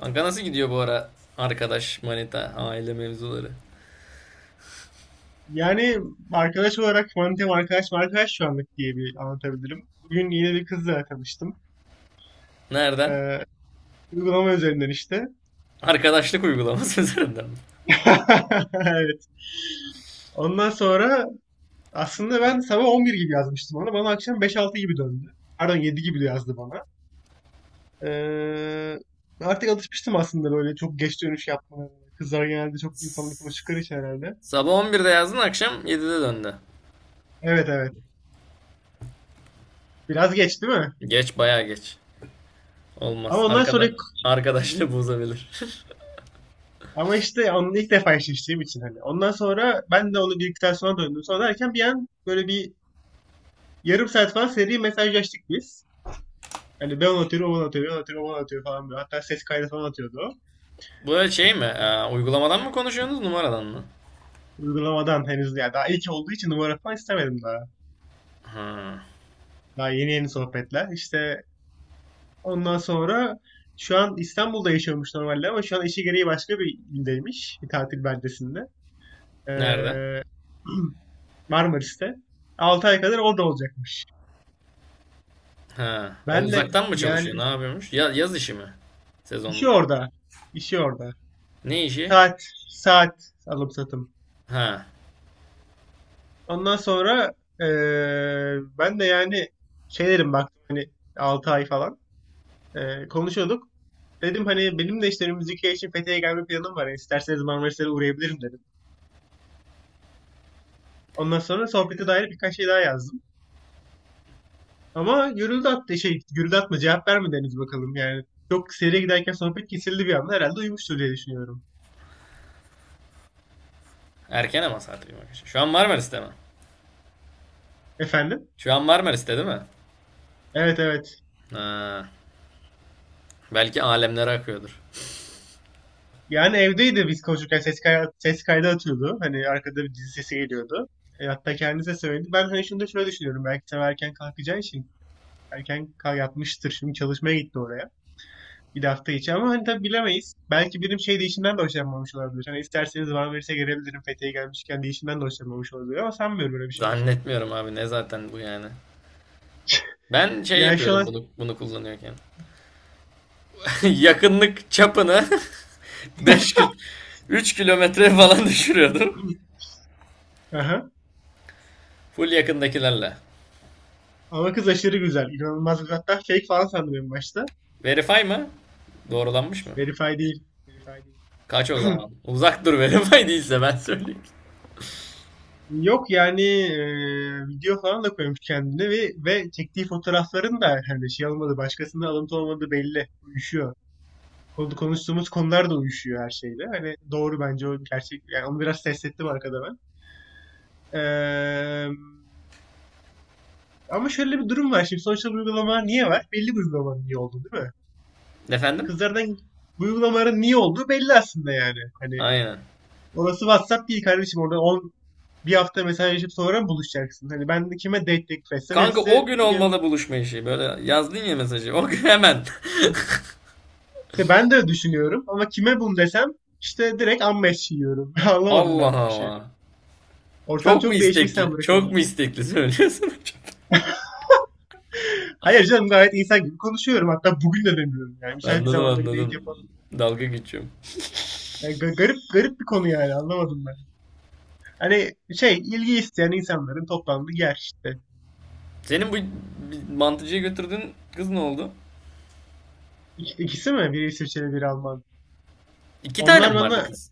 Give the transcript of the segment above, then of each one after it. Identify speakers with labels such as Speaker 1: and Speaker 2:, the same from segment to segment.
Speaker 1: Kanka nasıl gidiyor bu ara arkadaş, manita, aile mevzuları?
Speaker 2: Yani arkadaş olarak Mantem arkadaş arkadaş şu anlık diye bir anlatabilirim. Bugün yine bir kızla tanıştım.
Speaker 1: Nereden?
Speaker 2: Ee, uygulama üzerinden işte.
Speaker 1: Arkadaşlık uygulaması üzerinden.
Speaker 2: Evet. Ondan sonra aslında ben sabah 11 gibi yazmıştım ona. Bana akşam 5-6 gibi döndü. Pardon 7 gibi de yazdı bana. Ee, artık alışmıştım aslında böyle çok geç dönüş yapmaya. Kızlar genelde çok insanlık konuştukları için herhalde.
Speaker 1: Sabah 11'de yazdın, akşam 7'de döndü.
Speaker 2: Evet evet. Biraz geç değil mi?
Speaker 1: Geç, bayağı geç. Olmaz.
Speaker 2: Ama ondan sonra
Speaker 1: Arkadaşlığı bozabilir.
Speaker 2: ama işte onu ilk defa eşleştiğim için hani. Ondan sonra ben de onu diktasyona döndüm. Sonra derken bir an böyle bir yarım saat falan seri mesajlaştık biz. Hani ben onu atıyorum, o bana atıyor, ben atıyorum, o bana atıyor falan böyle. Hatta ses kaydı falan atıyordu o.
Speaker 1: Bu şey mi?
Speaker 2: Ee,
Speaker 1: Uygulamadan mı konuşuyorsunuz numaradan mı?
Speaker 2: uygulamadan henüz ya daha ilk olduğu için numara falan istemedim daha.
Speaker 1: Ha.
Speaker 2: Daha yeni yeni sohbetler. İşte ondan sonra şu an İstanbul'da yaşıyormuş normalde ama şu an işi gereği başka bir ildeymiş. Bir tatil beldesinde.
Speaker 1: Nerede?
Speaker 2: Ee, Marmaris'te. Altı ay kadar orada olacakmış.
Speaker 1: Ha. O
Speaker 2: Ben de
Speaker 1: uzaktan mı
Speaker 2: yani
Speaker 1: çalışıyor? Ne yapıyormuş? Ya, yaz işi mi?
Speaker 2: işi
Speaker 1: Sezonluk.
Speaker 2: orada. İşi orada.
Speaker 1: Ne işi?
Speaker 2: Saat, saat alım satım.
Speaker 1: Ha.
Speaker 2: Ondan sonra ben de yani şeylerim baktım hani 6 ay falan konuşuyorduk. Dedim hani benim de işte müzikiye için Fethiye'ye gelme planım var. Yani isterseniz Marmaris'e uğrayabilirim dedim. Ondan sonra sohbete dair birkaç şey daha yazdım. Ama gürültü attı şey gürültü atma cevap vermedi henüz bakalım yani. Çok seriye giderken sohbet kesildi bir anda herhalde uyumuştur diye düşünüyorum.
Speaker 1: Erken ama saat bir. Şu an Marmaris'te mi?
Speaker 2: Efendim?
Speaker 1: Şu an Marmaris'te değil mi?
Speaker 2: Evet evet.
Speaker 1: Ha. Belki alemlere akıyordur.
Speaker 2: Yani evdeydi biz konuşurken ses kaydı atıyordu. Hani arkada bir dizi sesi geliyordu. E, hatta kendisi de söyledi. Ben hani şunu da şöyle düşünüyorum. Belki sen erken kalkacağı için erken kal yatmıştır. Şimdi çalışmaya gitti oraya. Bir de hafta içi ama hani tabii bilemeyiz. Belki birim şey değişinden de hoşlanmamış olabilir. Hani isterseniz bana verirse gelebilirim. Fethiye'ye gelmişken değişinden de hoşlanmamış olabilir ama sanmıyorum böyle bir şey olsun.
Speaker 1: Zannetmiyorum abi, ne zaten bu yani. Ben şey
Speaker 2: Yani şu
Speaker 1: yapıyordum
Speaker 2: an...
Speaker 1: bunu kullanıyorken. Yakınlık çapını 5 kil 3 kilometre falan düşürüyordum.
Speaker 2: Aha.
Speaker 1: Full yakındakilerle.
Speaker 2: Ama kız aşırı güzel. İnanılmaz güzel. Hatta fake falan sandım en başta.
Speaker 1: Verify mı? Doğrulanmış mı?
Speaker 2: Verify değil. Verify değil.
Speaker 1: Kaç o zaman? Uzak dur, verify değilse ben söyleyeyim.
Speaker 2: Yok yani video falan da koymuş kendine ve çektiği fotoğrafların da hani şey olmadı başkasında alıntı olmadı belli. Uyuşuyor. Konuştuğumuz konular da uyuşuyor her şeyle. Hani doğru bence o gerçek. Yani onu biraz test ettim arkada ben. Eee, ama şöyle bir durum var şimdi. Sosyal uygulama niye var? Belli bir uygulamanın niye olduğu değil mi?
Speaker 1: Efendim?
Speaker 2: Kızlardan bu uygulamaların niye olduğu belli aslında yani. Hani
Speaker 1: Aynen.
Speaker 2: orası WhatsApp değil kardeşim. Orada 10 bir hafta mesajlaşıp sonra buluşacaksın. Hani ben kime date teklif etsem
Speaker 1: Kanka
Speaker 2: hepsi...
Speaker 1: o gün olmalı buluşma işi. Böyle yazdın ya mesajı. O gün hemen.
Speaker 2: İşte ben de düşünüyorum ama kime bunu desem işte direkt ammeş yiyorum. Anlamadım
Speaker 1: Allah
Speaker 2: ben bu işi.
Speaker 1: Allah.
Speaker 2: Ortam
Speaker 1: Çok mu
Speaker 2: çok değişmiş sen
Speaker 1: istekli? Çok
Speaker 2: bırakalım.
Speaker 1: mu istekli söylüyorsun?
Speaker 2: Hayır canım gayet insan gibi konuşuyorum. Hatta bugün de demiyorum yani. Müsait bir
Speaker 1: Anladım
Speaker 2: zamanda bir date
Speaker 1: anladım.
Speaker 2: yapalım.
Speaker 1: Dalga geçiyorum.
Speaker 2: Yani garip garip bir konu yani anlamadım ben. Hani şey ilgi isteyen insanların toplandığı yer işte.
Speaker 1: Senin bu bir mantıcıya götürdüğün kız ne oldu?
Speaker 2: İkisi mi? Biri İsviçreli biri Alman.
Speaker 1: İki tane
Speaker 2: Onlar
Speaker 1: mi vardı
Speaker 2: bana
Speaker 1: kız?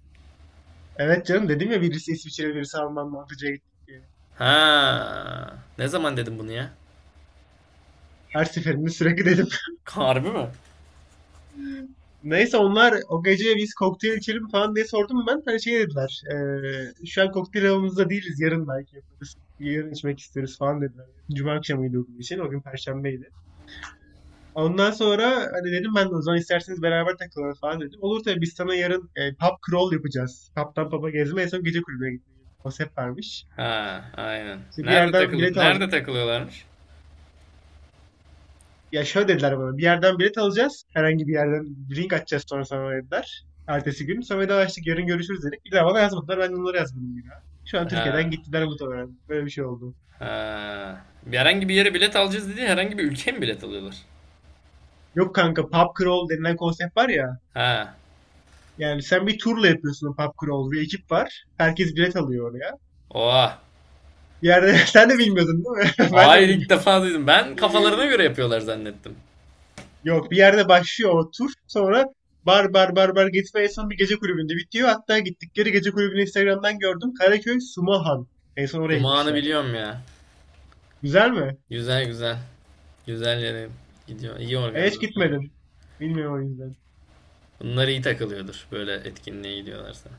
Speaker 2: evet canım dedim ya birisi İsviçreli birisi Alman mı? Hadi Jade diye.
Speaker 1: Ha. Ne zaman dedim bunu ya?
Speaker 2: Her seferinde sürekli dedim.
Speaker 1: Harbi mi?
Speaker 2: Neyse onlar o gece biz kokteyl içelim falan diye sordum ben. Hani şey dediler. Şu an kokteyl havamızda değiliz. Yarın belki yaparız. Yarın içmek isteriz falan dediler. Cuma akşamıydı o gün için. O gün Perşembeydi. Ondan sonra hani dedim ben de o zaman isterseniz beraber takılalım falan dedim. Olur tabii biz sana yarın pub crawl yapacağız. Pub'dan pub'a gezme en son gece kulübüne gitme gibi bir konsept varmış.
Speaker 1: Ha, aynen.
Speaker 2: İşte bir
Speaker 1: Nerede
Speaker 2: yerden bilet
Speaker 1: takılı
Speaker 2: al...
Speaker 1: nerede takılıyorlarmış?
Speaker 2: Ya şöyle dediler bana. Bir yerden bilet alacağız. Herhangi bir yerden bir link açacağız sonra sana dediler. Ertesi gün. Sonra da açtık. Yarın görüşürüz dedik. Bir daha bana yazmadılar. Ben de onlara yazmadım bir daha. Şu an Türkiye'den
Speaker 1: Ha.
Speaker 2: gittiler muhtemelen. Böyle bir şey oldu.
Speaker 1: Ha. Herhangi bir yere bilet alacağız dedi. Herhangi bir ülkeye mi bilet alıyorlar?
Speaker 2: Yok kanka pub crawl denilen konsept var ya.
Speaker 1: Ha.
Speaker 2: Yani sen bir turla yapıyorsun o pub crawl. Bir ekip var. Herkes bilet alıyor oraya.
Speaker 1: Oha.
Speaker 2: Bir yerde sen de bilmiyordun değil mi? Ben de
Speaker 1: Hayır, ilk
Speaker 2: bilmiyordum.
Speaker 1: defa duydum. Ben kafalarına göre yapıyorlar zannettim.
Speaker 2: Yok bir yerde başlıyor o tur. Sonra bar bar bar bar gitme en son bir gece kulübünde bitiyor. Hatta gittikleri gece kulübünü Instagram'dan gördüm. Karaköy Sumahan. En son oraya
Speaker 1: Zumağını
Speaker 2: gitmişler.
Speaker 1: biliyorum ya.
Speaker 2: Güzel mi?
Speaker 1: Güzel güzel. Güzel yere gidiyor. İyi
Speaker 2: Ben hiç
Speaker 1: organizasyon.
Speaker 2: gitmedim. Bilmiyorum o yüzden.
Speaker 1: Bunlar iyi takılıyordur böyle etkinliğe gidiyorlarsa.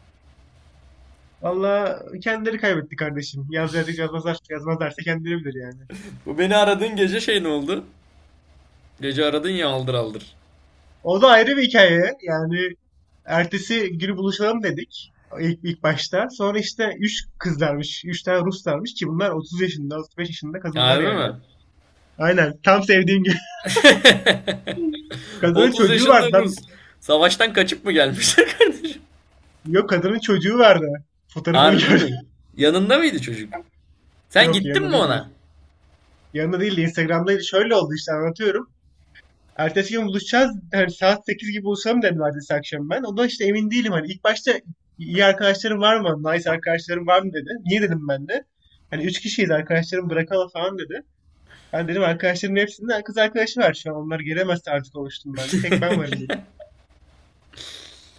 Speaker 2: Valla kendileri kaybetti kardeşim. Yaz yaz yazmazlar, yazmazlarsa kendileri bilir yani.
Speaker 1: Bu beni aradığın gece şey ne oldu? Gece aradın ya, aldır aldır.
Speaker 2: O da ayrı bir hikaye. Yani ertesi günü buluşalım dedik. İlk başta. Sonra işte 3 kızlarmış. Üç tane Ruslarmış ki bunlar 30 yaşında, 35 yaşında kadınlar
Speaker 1: Harbi
Speaker 2: yani.
Speaker 1: mi?
Speaker 2: Aynen. Tam sevdiğim. Kadının
Speaker 1: 30
Speaker 2: çocuğu
Speaker 1: yaşında
Speaker 2: vardı lan.
Speaker 1: Rus. Savaştan kaçıp mı gelmişler kardeşim?
Speaker 2: Yok kadının çocuğu vardı. Fotoğrafını
Speaker 1: Harbi
Speaker 2: gördüm.
Speaker 1: mi? Yanında mıydı çocuk? Sen
Speaker 2: Yok
Speaker 1: gittin
Speaker 2: yanında
Speaker 1: mi
Speaker 2: değil.
Speaker 1: ona?
Speaker 2: Yanında değil de Instagram'daydı. Şöyle oldu işte anlatıyorum. Ertesi gün buluşacağız. Hani saat 8 gibi buluşalım dedim ertesi akşam ben. Ondan işte emin değilim hani. İlk başta iyi arkadaşlarım var mı? Nice arkadaşlarım var mı dedi. Niye dedim ben de. Hani üç kişiyiz arkadaşlarım bırakalım falan dedi. Ben dedim arkadaşlarımın hepsinde kız arkadaşı var şu an. Onlar gelemezse artık oluştum ben de. Tek ben varım dedim.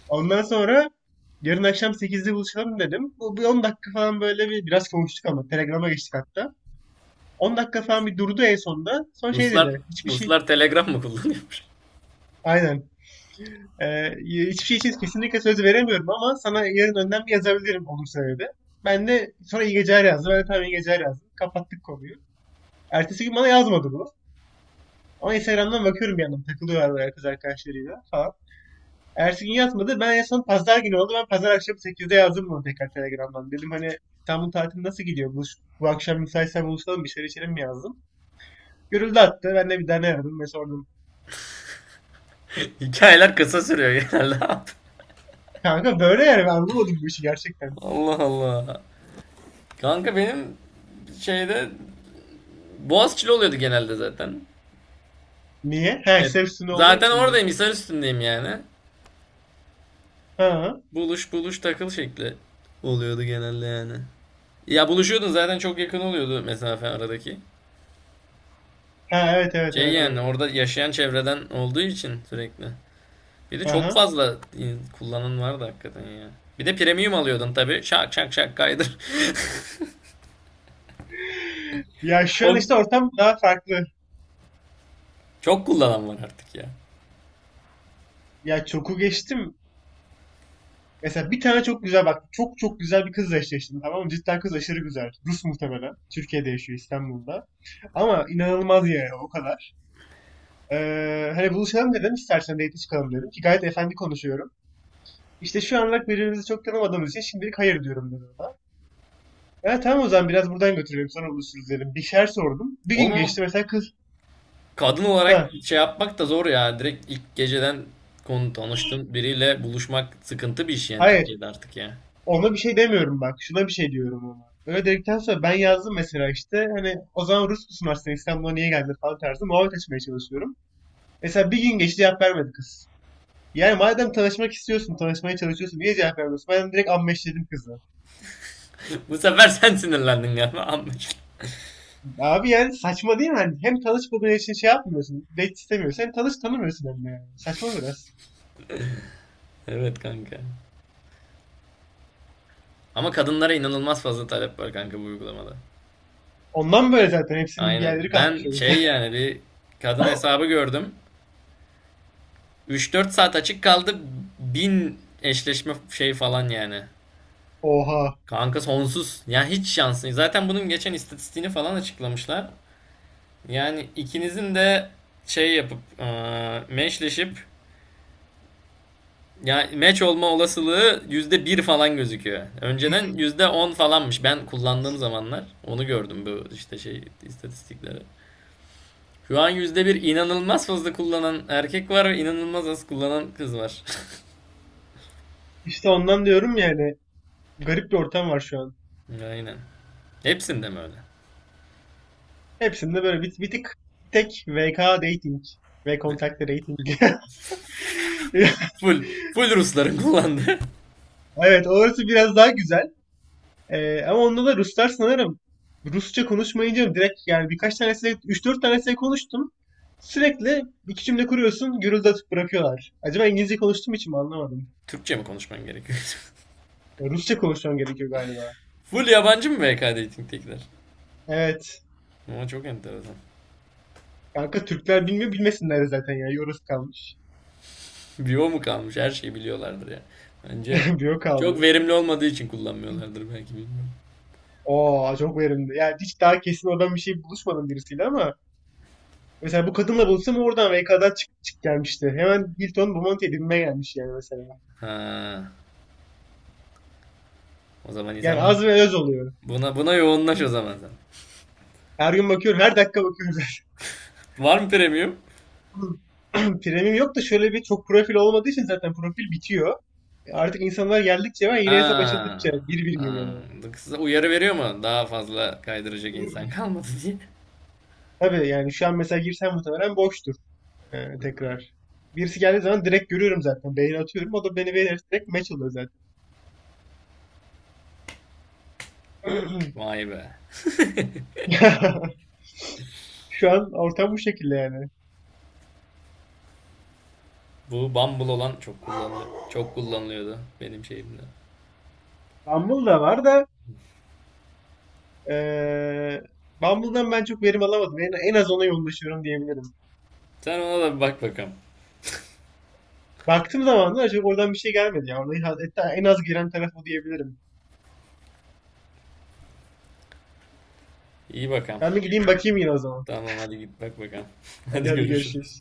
Speaker 2: Ondan sonra yarın akşam 8'de buluşalım dedim. Bu bir 10 dakika falan böyle bir biraz konuştuk ama Telegram'a geçtik hatta. 10 dakika falan bir durdu en sonunda. Son şey
Speaker 1: Ruslar
Speaker 2: dedi. Hiçbir şey.
Speaker 1: Ruslar Telegram mı kullanıyormuş?
Speaker 2: Aynen. Hiçbir şey için kesinlikle söz veremiyorum ama sana yarın önden bir yazabilirim olursa dedi. Ben de sonra iyi geceler yazdım. Ben de tamam iyi geceler yazdım. Kapattık konuyu. Ertesi gün bana yazmadı bu. Ama Instagram'dan bakıyorum bir yandan takılıyorlar böyle kız arkadaşlarıyla falan. Ertesi gün yazmadı. Ben en son pazar günü oldu. Ben pazar akşamı 8'de yazdım bunu tekrar Telegram'dan. Dedim hani İstanbul tatili nasıl gidiyor? Bu akşam müsaitsen buluşalım bir şeyler içelim mi yazdım. Görüldü attı. Ben de bir tane aradım ve sordum.
Speaker 1: Hikayeler kısa sürüyor genelde.
Speaker 2: Kanka böyle yani ben anlamadım bu işi gerçekten.
Speaker 1: Allah Allah. Kanka benim şeyde Boğaziçi'li oluyordu genelde zaten.
Speaker 2: Niye? Ha
Speaker 1: Evet.
Speaker 2: hisse üstünde olduğu
Speaker 1: Zaten
Speaker 2: için mi?
Speaker 1: oradayım, Hisar üstündeyim yani.
Speaker 2: Ha,
Speaker 1: Buluş buluş takıl şekli oluyordu genelde yani. Ya buluşuyordun zaten, çok yakın oluyordu mesafe aradaki.
Speaker 2: ha, evet evet
Speaker 1: Şey
Speaker 2: evet
Speaker 1: yani
Speaker 2: evet.
Speaker 1: orada yaşayan çevreden olduğu için sürekli. Bir de çok
Speaker 2: Aha.
Speaker 1: fazla kullanan vardı hakikaten ya. Bir de premium alıyordun tabii. Şak şak şak kaydır.
Speaker 2: Ya şu an
Speaker 1: O
Speaker 2: işte ortam daha farklı.
Speaker 1: çok kullanan var artık ya.
Speaker 2: Ya çoku geçtim. Mesela bir tane çok güzel bak çok çok güzel bir kızla eşleştim tamam mı? Cidden kız aşırı güzel. Rus muhtemelen. Türkiye'de yaşıyor İstanbul'da. Ama inanılmaz yani o kadar. Hani buluşalım dedim istersen date çıkalım dedim ki gayet efendi konuşuyorum. İşte şu anlık birbirimizi çok tanımadığımız için şimdilik hayır diyorum dedi ona. Ha, tamam o zaman biraz buradan götürelim sonra buluşuruz dedim. Bir şeyler sordum. Bir
Speaker 1: Oğlum
Speaker 2: gün
Speaker 1: ama
Speaker 2: geçti mesela kız.
Speaker 1: kadın olarak
Speaker 2: Ha,
Speaker 1: şey yapmak da zor ya. Direkt ilk geceden konu tanıştığın biriyle buluşmak sıkıntı bir iş yani
Speaker 2: hayır,
Speaker 1: Türkiye'de artık ya.
Speaker 2: ona bir şey demiyorum bak şuna bir şey diyorum ona. Öyle dedikten sonra ben yazdım mesela işte hani o zaman Rus musun aslında İstanbul'a niye geldin falan tarzı muhabbet açmaya çalışıyorum. Mesela bir gün geçti cevap vermedi kız. Yani madem tanışmak istiyorsun, tanışmaya çalışıyorsun niye cevap vermiyorsun? Ben direkt ammeşledim kızı.
Speaker 1: Bu sefer sen sinirlendin galiba, anlaşıldı.
Speaker 2: Abi yani saçma değil mi? Hani hem tanışmadığın için şey yapmıyorsun. Date istemiyorsun. Hem tanımıyorsun hem de yani. Saçma biraz.
Speaker 1: Evet kanka. Ama kadınlara inanılmaz fazla talep var kanka bu uygulamada.
Speaker 2: Ondan böyle zaten hepsinin bir
Speaker 1: Aynen.
Speaker 2: yerleri kalkmış
Speaker 1: Ben
Speaker 2: o yüzden.
Speaker 1: şey yani bir kadın hesabı gördüm. 3-4 saat açık kaldı. 1.000 eşleşme şey falan yani.
Speaker 2: Oha.
Speaker 1: Kanka sonsuz. Ya hiç şansın. Zaten bunun geçen istatistiğini falan açıklamışlar. Yani ikinizin de şey yapıp meşleşip yani meç olma olasılığı %1 falan gözüküyor. Önceden %10 falanmış. Ben kullandığım zamanlar onu gördüm bu işte şey istatistikleri. Şu an yüzde bir, inanılmaz fazla kullanan erkek var ve inanılmaz az kullanan kız var.
Speaker 2: İşte ondan diyorum yani. Garip bir ortam var şu an.
Speaker 1: Aynen. Hepsinde mi öyle?
Speaker 2: Hepsinde böyle bir tık bir tek VK dating ve kontakte dating.
Speaker 1: Full, full Rusların kullandığı.
Speaker 2: Evet orası biraz daha güzel. Ama onda da Ruslar sanırım Rusça konuşmayınca direkt yani birkaç tanesiyle üç dört tanesiyle konuştum. Sürekli iki cümle kuruyorsun gürültü atıp bırakıyorlar. Acaba İngilizce konuştuğum için mi anlamadım.
Speaker 1: Türkçe mi konuşman gerekiyor?
Speaker 2: Ya Rusça konuşmam gerekiyor galiba.
Speaker 1: Full yabancı mı VK Dating'tekiler?
Speaker 2: Evet.
Speaker 1: Ama çok enteresan.
Speaker 2: Kanka Türkler bilmiyor bilmesinler de zaten ya. Yoruz kalmış.
Speaker 1: Bio mu kalmış? Her şeyi biliyorlardır ya. Bence
Speaker 2: Biyo
Speaker 1: çok
Speaker 2: kaldı.
Speaker 1: verimli olmadığı için kullanmıyorlardır belki bilmiyorum.
Speaker 2: Oo çok verimli. Yani hiç daha kesin oradan bir şey buluşmadım birisiyle ama mesela bu kadınla buluşsam oradan VK'dan çık gelmişti. Hemen Hilton Bomonti'ye binmeye gelmiş yani mesela.
Speaker 1: Ha, o zaman iyi.
Speaker 2: Yani az ve öz oluyor.
Speaker 1: Buna yoğunlaş o zaman sen.
Speaker 2: Her gün bakıyorum, her dakika bakıyorum zaten.
Speaker 1: Var mı premium?
Speaker 2: Premium yok da şöyle bir çok profil olmadığı için zaten profil bitiyor. Artık insanlar geldikçe ve yine hesap açıldıkça
Speaker 1: Ha.
Speaker 2: bir bir geliyor
Speaker 1: Ha.
Speaker 2: böyle.
Speaker 1: Kısa uyarı veriyor mu? Daha fazla kaydıracak insan kalmadı diye.
Speaker 2: Tabii yani şu an mesela girsem muhtemelen boştur tekrar. Birisi geldiği zaman direkt görüyorum zaten. Beğeni atıyorum. O da beni beğenirse direkt match oluyor zaten.
Speaker 1: Vay be.
Speaker 2: Şu an ortam bu şekilde yani.
Speaker 1: Bu Bumble olan çok kullanılıyor. Çok kullanılıyordu benim şeyimde.
Speaker 2: Bumble da var da eee Bumble'dan ben çok verim alamadım. En az ona yoğunlaşıyorum diyebilirim.
Speaker 1: Sen ona da bir bak bakalım.
Speaker 2: Baktığım zaman da acaba oradan bir şey gelmedi ya. Orada hatta en az giren taraf o diyebilirim.
Speaker 1: İyi bakalım.
Speaker 2: Ben bir gideyim bakayım yine o zaman.
Speaker 1: Tamam hadi git bak bakalım.
Speaker 2: Hadi
Speaker 1: Hadi
Speaker 2: hadi
Speaker 1: görüşürüz.
Speaker 2: görüşürüz.